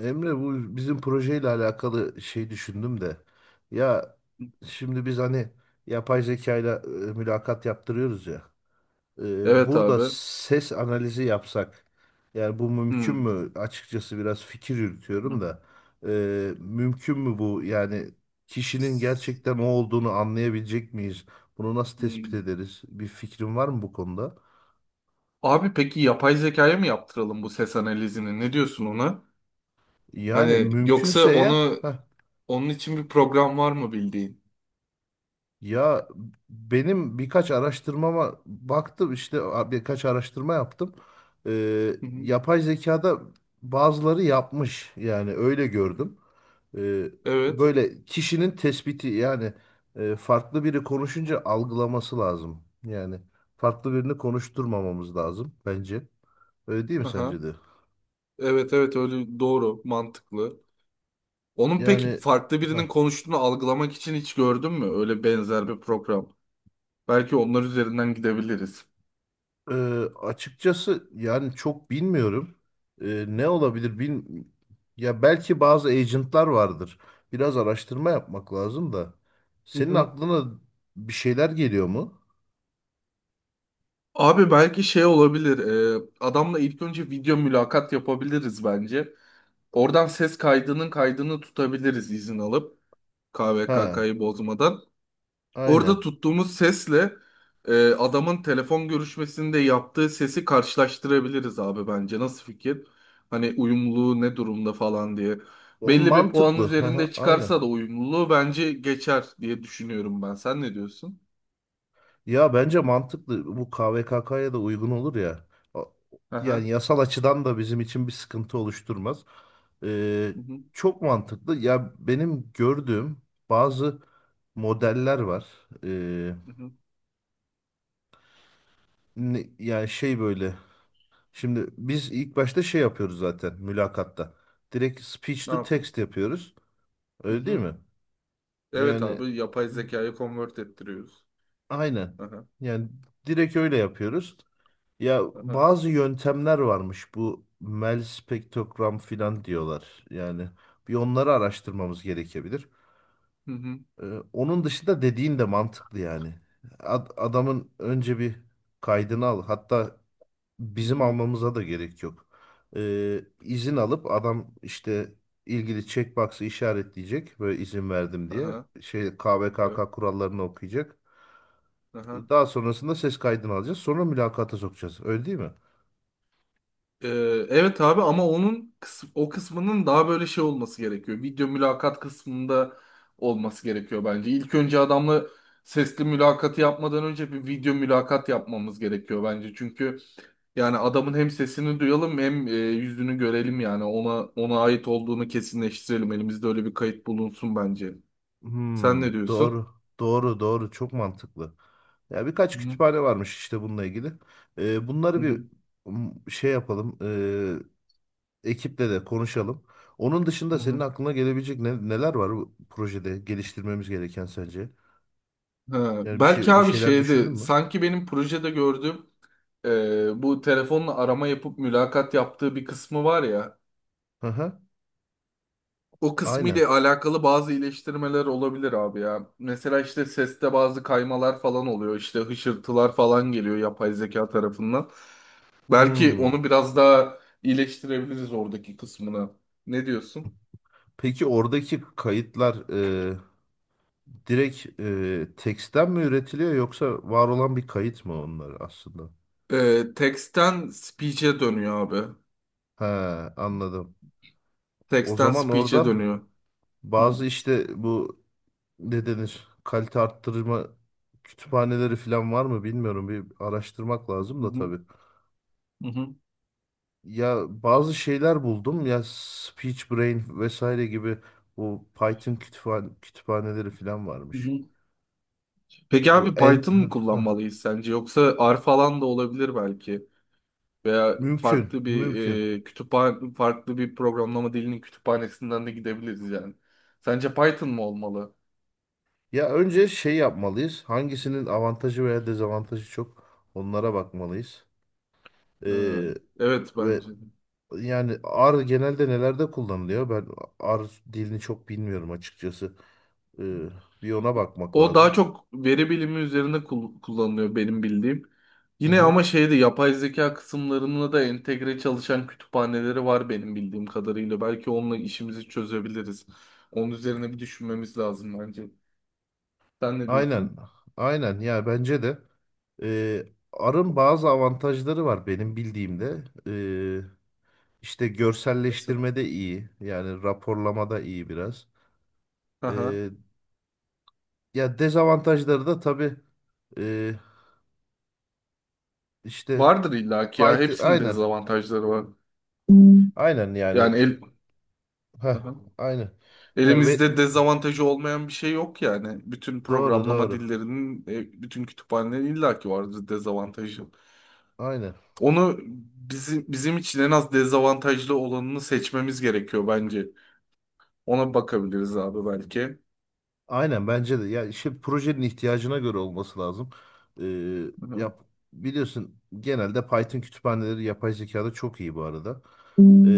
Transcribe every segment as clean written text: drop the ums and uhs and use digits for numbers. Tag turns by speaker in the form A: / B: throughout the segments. A: Emre, bu bizim projeyle alakalı şey düşündüm de. Ya şimdi biz hani yapay zekayla mülakat yaptırıyoruz ya.
B: Evet
A: Burada
B: abi.
A: ses analizi yapsak. Yani bu mümkün
B: Hmm.
A: mü? Açıkçası biraz fikir yürütüyorum
B: Hmm.
A: da. Mümkün mü bu? Yani kişinin gerçekten o olduğunu anlayabilecek miyiz? Bunu nasıl tespit
B: Hmm.
A: ederiz? Bir fikrin var mı bu konuda?
B: Abi peki yapay zekaya mı yaptıralım bu ses analizini? Ne diyorsun ona?
A: Yani
B: Hani
A: mümkünse
B: yoksa
A: eğer.
B: onu onun için bir program var mı bildiğin?
A: Ya benim birkaç araştırmama baktım işte birkaç araştırma yaptım.
B: Hı hı.
A: Yapay zekada bazıları yapmış, yani öyle gördüm. Ee,
B: Evet.
A: Böyle kişinin tespiti, yani farklı biri konuşunca algılaması lazım. Yani farklı birini konuşturmamamız lazım bence. Öyle değil mi
B: Aha.
A: sence de?
B: Evet evet, öyle, doğru, mantıklı. Onun peki
A: Yani
B: farklı
A: heh.
B: birinin konuştuğunu algılamak için hiç gördün mü? Öyle benzer bir program. Belki onlar üzerinden gidebiliriz.
A: Ee, Açıkçası yani çok bilmiyorum. Ne olabilir bil ya belki bazı agentlar vardır. Biraz araştırma yapmak lazım da. Senin aklına bir şeyler geliyor mu?
B: Abi belki şey olabilir. Adamla ilk önce video mülakat yapabiliriz bence. Oradan ses kaydının kaydını tutabiliriz, izin alıp
A: Ha,
B: KVKK'yı bozmadan. Orada
A: aynen.
B: tuttuğumuz sesle adamın telefon görüşmesinde yaptığı sesi karşılaştırabiliriz abi bence. Nasıl fikir? Hani uyumluluğu ne durumda falan diye.
A: O
B: Belli bir puan
A: mantıklı. Ha
B: üzerinde
A: hı, aynen.
B: çıkarsa da uyumluluğu bence geçer diye düşünüyorum ben. Sen ne diyorsun?
A: Ya bence mantıklı, bu KVKK'ya da uygun olur ya. O- Yani
B: Aha.
A: yasal açıdan da bizim için bir sıkıntı oluşturmaz. Ee,
B: Hı hı.
A: Çok mantıklı. Ya benim gördüğüm bazı modeller var. Ee,
B: Hı hı.
A: Yani şey böyle. Şimdi biz ilk başta şey yapıyoruz zaten mülakatta. Direkt speech
B: Ne
A: to
B: yapıyorsun?
A: text yapıyoruz. Öyle değil mi?
B: Evet
A: Yani
B: abi, yapay zekayı convert ettiriyoruz.
A: aynen.
B: Aha,
A: Yani direkt öyle yapıyoruz. Ya
B: aha.
A: bazı yöntemler varmış, bu Mel spektrogram filan diyorlar. Yani bir onları araştırmamız gerekebilir.
B: Hı hı,
A: Ee, Onun dışında dediğin de mantıklı yani. Adamın önce bir kaydını al. Hatta
B: hı
A: bizim
B: hı.
A: almamıza da gerek yok. İzin alıp adam işte ilgili checkbox'ı işaretleyecek, böyle izin verdim diye.
B: Aha,
A: Şey,
B: evet.
A: KVKK kurallarını okuyacak.
B: Aha.
A: Daha sonrasında ses kaydını alacağız. Sonra mülakata sokacağız. Öyle değil mi?
B: Ee, evet abi, ama onun o kısmının daha böyle şey olması gerekiyor. Video mülakat kısmında olması gerekiyor bence. İlk önce adamla sesli mülakatı yapmadan önce bir video mülakat yapmamız gerekiyor bence. Çünkü yani adamın hem sesini duyalım, hem yüzünü görelim, yani ona ait olduğunu kesinleştirelim. Elimizde öyle bir kayıt bulunsun bence. Sen
A: Hmm,
B: ne diyorsun?
A: doğru. Doğru, doğru. Çok mantıklı. Ya birkaç
B: Hı
A: kütüphane varmış işte bununla ilgili. Bunları
B: hı.
A: bir şey yapalım. Ekiple de konuşalım. Onun dışında
B: Hı
A: senin
B: hı.
A: aklına gelebilecek neler var bu projede geliştirmemiz gereken sence?
B: Ha,
A: Yani
B: belki
A: bir
B: abi
A: şeyler düşündün
B: şeydi,
A: mü?
B: sanki benim projede gördüğüm, bu telefonla arama yapıp mülakat yaptığı bir kısmı var ya,
A: Hı hı.
B: o kısmı ile
A: Aynen.
B: alakalı bazı iyileştirmeler olabilir abi ya. Mesela işte seste bazı kaymalar falan oluyor, işte hışırtılar falan geliyor yapay zeka tarafından. Belki
A: Hmm.
B: onu biraz daha iyileştirebiliriz, oradaki kısmına. Ne diyorsun?
A: Peki oradaki kayıtlar direkt teksten mi üretiliyor, yoksa var olan bir kayıt mı onlar aslında?
B: Text'ten speech'e dönüyor abi.
A: He, anladım. O
B: Text'ten
A: zaman
B: speech'e
A: orada
B: dönüyor. Hı hı.
A: bazı işte bu ne denir kalite arttırma kütüphaneleri falan var mı bilmiyorum. Bir araştırmak lazım
B: Hı
A: da
B: hı.
A: tabii.
B: Hı hı.
A: Ya bazı şeyler buldum ya, Speech Brain vesaire gibi bu Python kütüphaneleri falan
B: Hı
A: varmış.
B: hı. Peki
A: Bu
B: abi,
A: en
B: Python mı kullanmalıyız sence? Yoksa R falan da olabilir belki. Veya
A: mümkün,
B: farklı bir
A: mümkün.
B: kütüphane, farklı bir programlama dilinin kütüphanesinden de gidebiliriz yani. Sence Python mı olmalı?
A: Ya önce şey yapmalıyız. Hangisinin avantajı veya dezavantajı çok, onlara bakmalıyız.
B: Ee,
A: Ee,
B: evet
A: ve
B: bence. De.
A: Yani R genelde nelerde kullanılıyor? Ben R dilini çok bilmiyorum açıkçası. Ee, Bir ona bakmak
B: O daha
A: lazım.
B: çok veri bilimi üzerinde kullanılıyor benim bildiğim.
A: Hı
B: Yine
A: hı.
B: ama şeyde yapay zeka kısımlarına da entegre çalışan kütüphaneleri var benim bildiğim kadarıyla. Belki onunla işimizi çözebiliriz. Onun üzerine bir düşünmemiz lazım bence. Sen ne
A: Aynen.
B: diyorsun?
A: Aynen. Ya bence de e, R'ın bazı avantajları var benim bildiğimde. İşte
B: Mesela.
A: görselleştirmede iyi. Yani raporlamada iyi biraz.
B: Aha.
A: Ee, Ya dezavantajları da tabii e, işte
B: Vardır illaki ya.
A: Python,
B: Hepsinin
A: aynen.
B: dezavantajları var.
A: Aynen
B: Yani
A: yani.
B: el,
A: Heh,
B: aha.
A: aynen. Ya ve
B: Elimizde dezavantajı olmayan bir şey yok yani. Bütün
A: doğru,
B: programlama
A: doğru.
B: dillerinin, bütün kütüphanelerin illaki vardır dezavantajı.
A: Aynen.
B: Onu bizim için en az dezavantajlı olanını seçmemiz gerekiyor bence. Ona bakabiliriz abi belki.
A: Aynen bence de. Ya işte projenin ihtiyacına göre olması lazım. Ee,
B: Aha.
A: yap biliyorsun genelde Python kütüphaneleri yapay zekada çok iyi bu arada. Ee,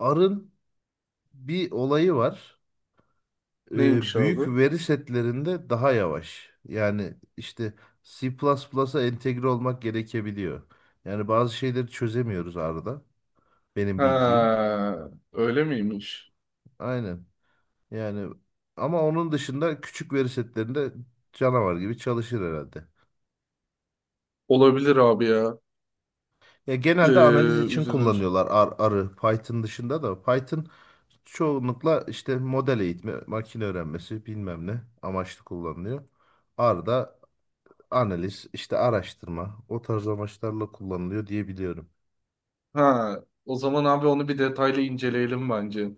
A: R'ın bir olayı var.
B: Neymiş
A: Büyük
B: abi?
A: veri setlerinde daha yavaş. Yani işte C plus plusa entegre olmak gerekebiliyor. Yani bazı şeyleri çözemiyoruz R'da. Benim bildiğim.
B: Ha, öyle miymiş?
A: Aynen. Yani ama onun dışında küçük veri setlerinde canavar gibi çalışır herhalde.
B: Olabilir abi ya.
A: Ya
B: Ee,
A: genelde analiz için
B: üzerine
A: kullanıyorlar R'ı Python dışında da. Python çoğunlukla işte model eğitimi, makine öğrenmesi bilmem ne amaçlı kullanılıyor. R da analiz, işte araştırma o tarz amaçlarla kullanılıyor diye biliyorum.
B: Ha, o zaman abi onu bir detaylı inceleyelim bence.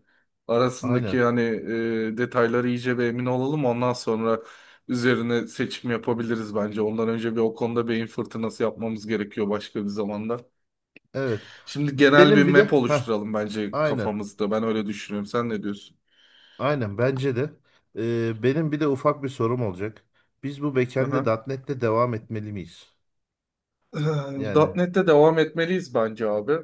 B: Arasındaki
A: Aynen.
B: hani detayları iyice bir emin olalım. Ondan sonra üzerine seçim yapabiliriz bence. Ondan önce bir o konuda beyin fırtınası yapmamız gerekiyor, başka bir zamanda.
A: Evet.
B: Şimdi genel bir
A: Benim bir de
B: map
A: ha
B: oluşturalım bence
A: aynen.
B: kafamızda. Ben öyle düşünüyorum. Sen ne diyorsun?
A: Aynen bence de. Benim bir de ufak bir sorum olacak. Biz bu backend'e
B: Aha.
A: .NET'le devam etmeli miyiz? Yani
B: .nokta .NET'te devam etmeliyiz bence abi.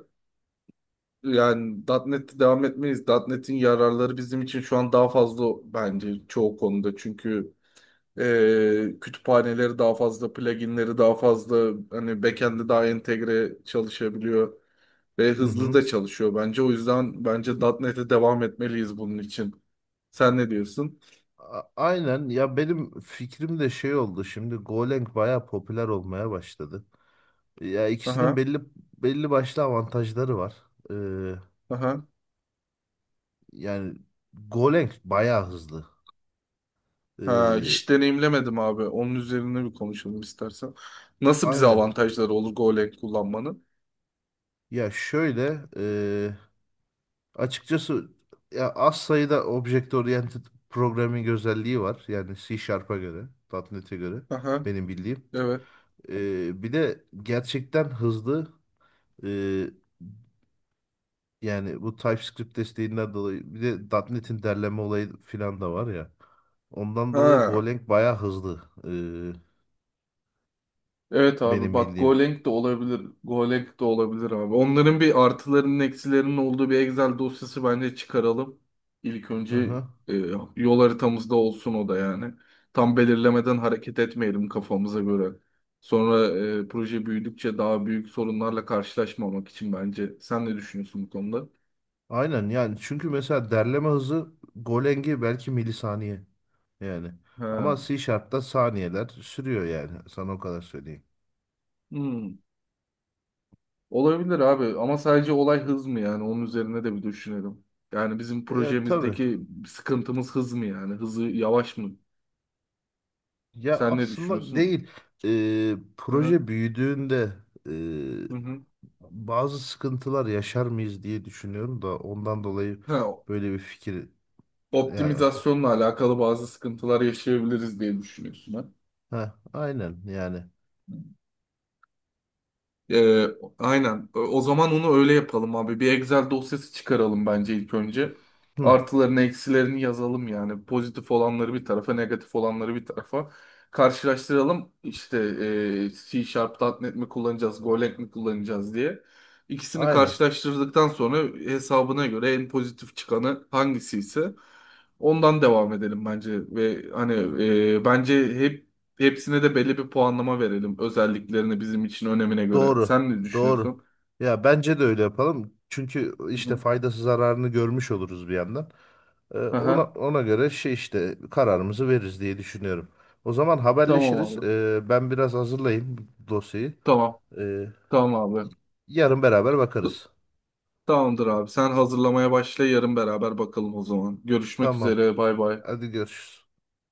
B: Yani .nokta .NET'te devam etmeliyiz. .nokta .NET'in yararları bizim için şu an daha fazla bence çoğu konuda. Çünkü kütüphaneleri daha fazla, pluginleri daha fazla, hani backend'i daha entegre çalışabiliyor ve
A: hı
B: hızlı
A: hı.
B: da çalışıyor bence. O yüzden bence .nokta .NET'e devam etmeliyiz bunun için. Sen ne diyorsun?
A: Aynen, ya benim fikrim de şey oldu, şimdi Golang bayağı popüler olmaya başladı. Ya ikisinin
B: Aha,
A: belli başlı avantajları var. Ee,
B: aha.
A: Yani Golang bayağı hızlı.
B: Ha,
A: Ee,
B: hiç deneyimlemedim abi. Onun üzerine bir konuşalım istersen. Nasıl bize
A: aynen.
B: avantajları olur Golang kullanmanın?
A: Ya şöyle açıkçası ya az sayıda object oriented programming özelliği var. Yani C Sharp'a göre, .nokta .NET'e göre
B: Aha,
A: benim bildiğim.
B: evet.
A: Bir de gerçekten hızlı. Ee, Yani bu TypeScript desteğinden dolayı bir de .nokta .NET'in derleme olayı filan da var ya. Ondan dolayı
B: Ha.
A: Golang bayağı hızlı,
B: Evet abi
A: benim
B: bak,
A: bildiğim.
B: Golang de olabilir. Golang de olabilir abi. Onların bir artılarının, eksilerinin olduğu bir Excel dosyası bence çıkaralım. İlk
A: Hı
B: önce
A: hı.
B: e, yol haritamızda olsun o da yani. Tam belirlemeden hareket etmeyelim kafamıza göre. Sonra proje büyüdükçe daha büyük sorunlarla karşılaşmamak için bence. Sen ne düşünüyorsun bu konuda?
A: Aynen yani, çünkü mesela derleme hızı Golang'i belki milisaniye yani. Ama
B: He.
A: C Sharp'ta saniyeler sürüyor, yani sana o kadar söyleyeyim.
B: Hmm. Olabilir abi, ama sadece olay hız mı yani, onun üzerine de bir düşünelim. Yani bizim
A: Ya tabii.
B: projemizdeki sıkıntımız hız mı, yani hızı yavaş mı?
A: Ya
B: Sen ne
A: aslında
B: düşünüyorsun?
A: değil.
B: Hı hı.
A: Proje büyüdüğünde
B: Hı hı.
A: bazı sıkıntılar yaşar mıyız diye düşünüyorum da, ondan dolayı
B: Ha,
A: böyle bir fikir, ya
B: optimizasyonla alakalı bazı sıkıntılar yaşayabiliriz diye düşünüyorsun ha.
A: ha aynen yani.
B: Ee, aynen. O zaman onu öyle yapalım abi. Bir Excel dosyası çıkaralım bence ilk önce.
A: Hı,
B: Artılarını, eksilerini yazalım yani. Pozitif olanları bir tarafa, negatif olanları bir tarafa. Karşılaştıralım. İşte C Sharp, nokta .NET mi kullanacağız, Golang mi kullanacağız diye. İkisini
A: aynen.
B: karşılaştırdıktan sonra hesabına göre en pozitif çıkanı hangisi ise ondan devam edelim bence. Ve hani, bence hepsine de belli bir puanlama verelim, özelliklerini bizim için önemine göre.
A: Doğru.
B: Sen ne
A: Doğru.
B: düşünüyorsun?
A: Ya bence de öyle yapalım. Çünkü
B: Hı
A: işte
B: hı.
A: faydası zararını görmüş oluruz bir yandan. Ona
B: Aha,
A: ona göre şey işte kararımızı veririz diye düşünüyorum. O zaman
B: tamam
A: haberleşiriz.
B: abi.
A: Ben biraz hazırlayayım dosyayı.
B: Tamam.
A: Ee,
B: Tamam abi.
A: Yarın beraber
B: T-
A: bakarız.
B: Tamamdır abi. Sen hazırlamaya başla, yarın beraber bakalım o zaman. Görüşmek
A: Tamam.
B: üzere. Bay bay.
A: Hadi görüşürüz.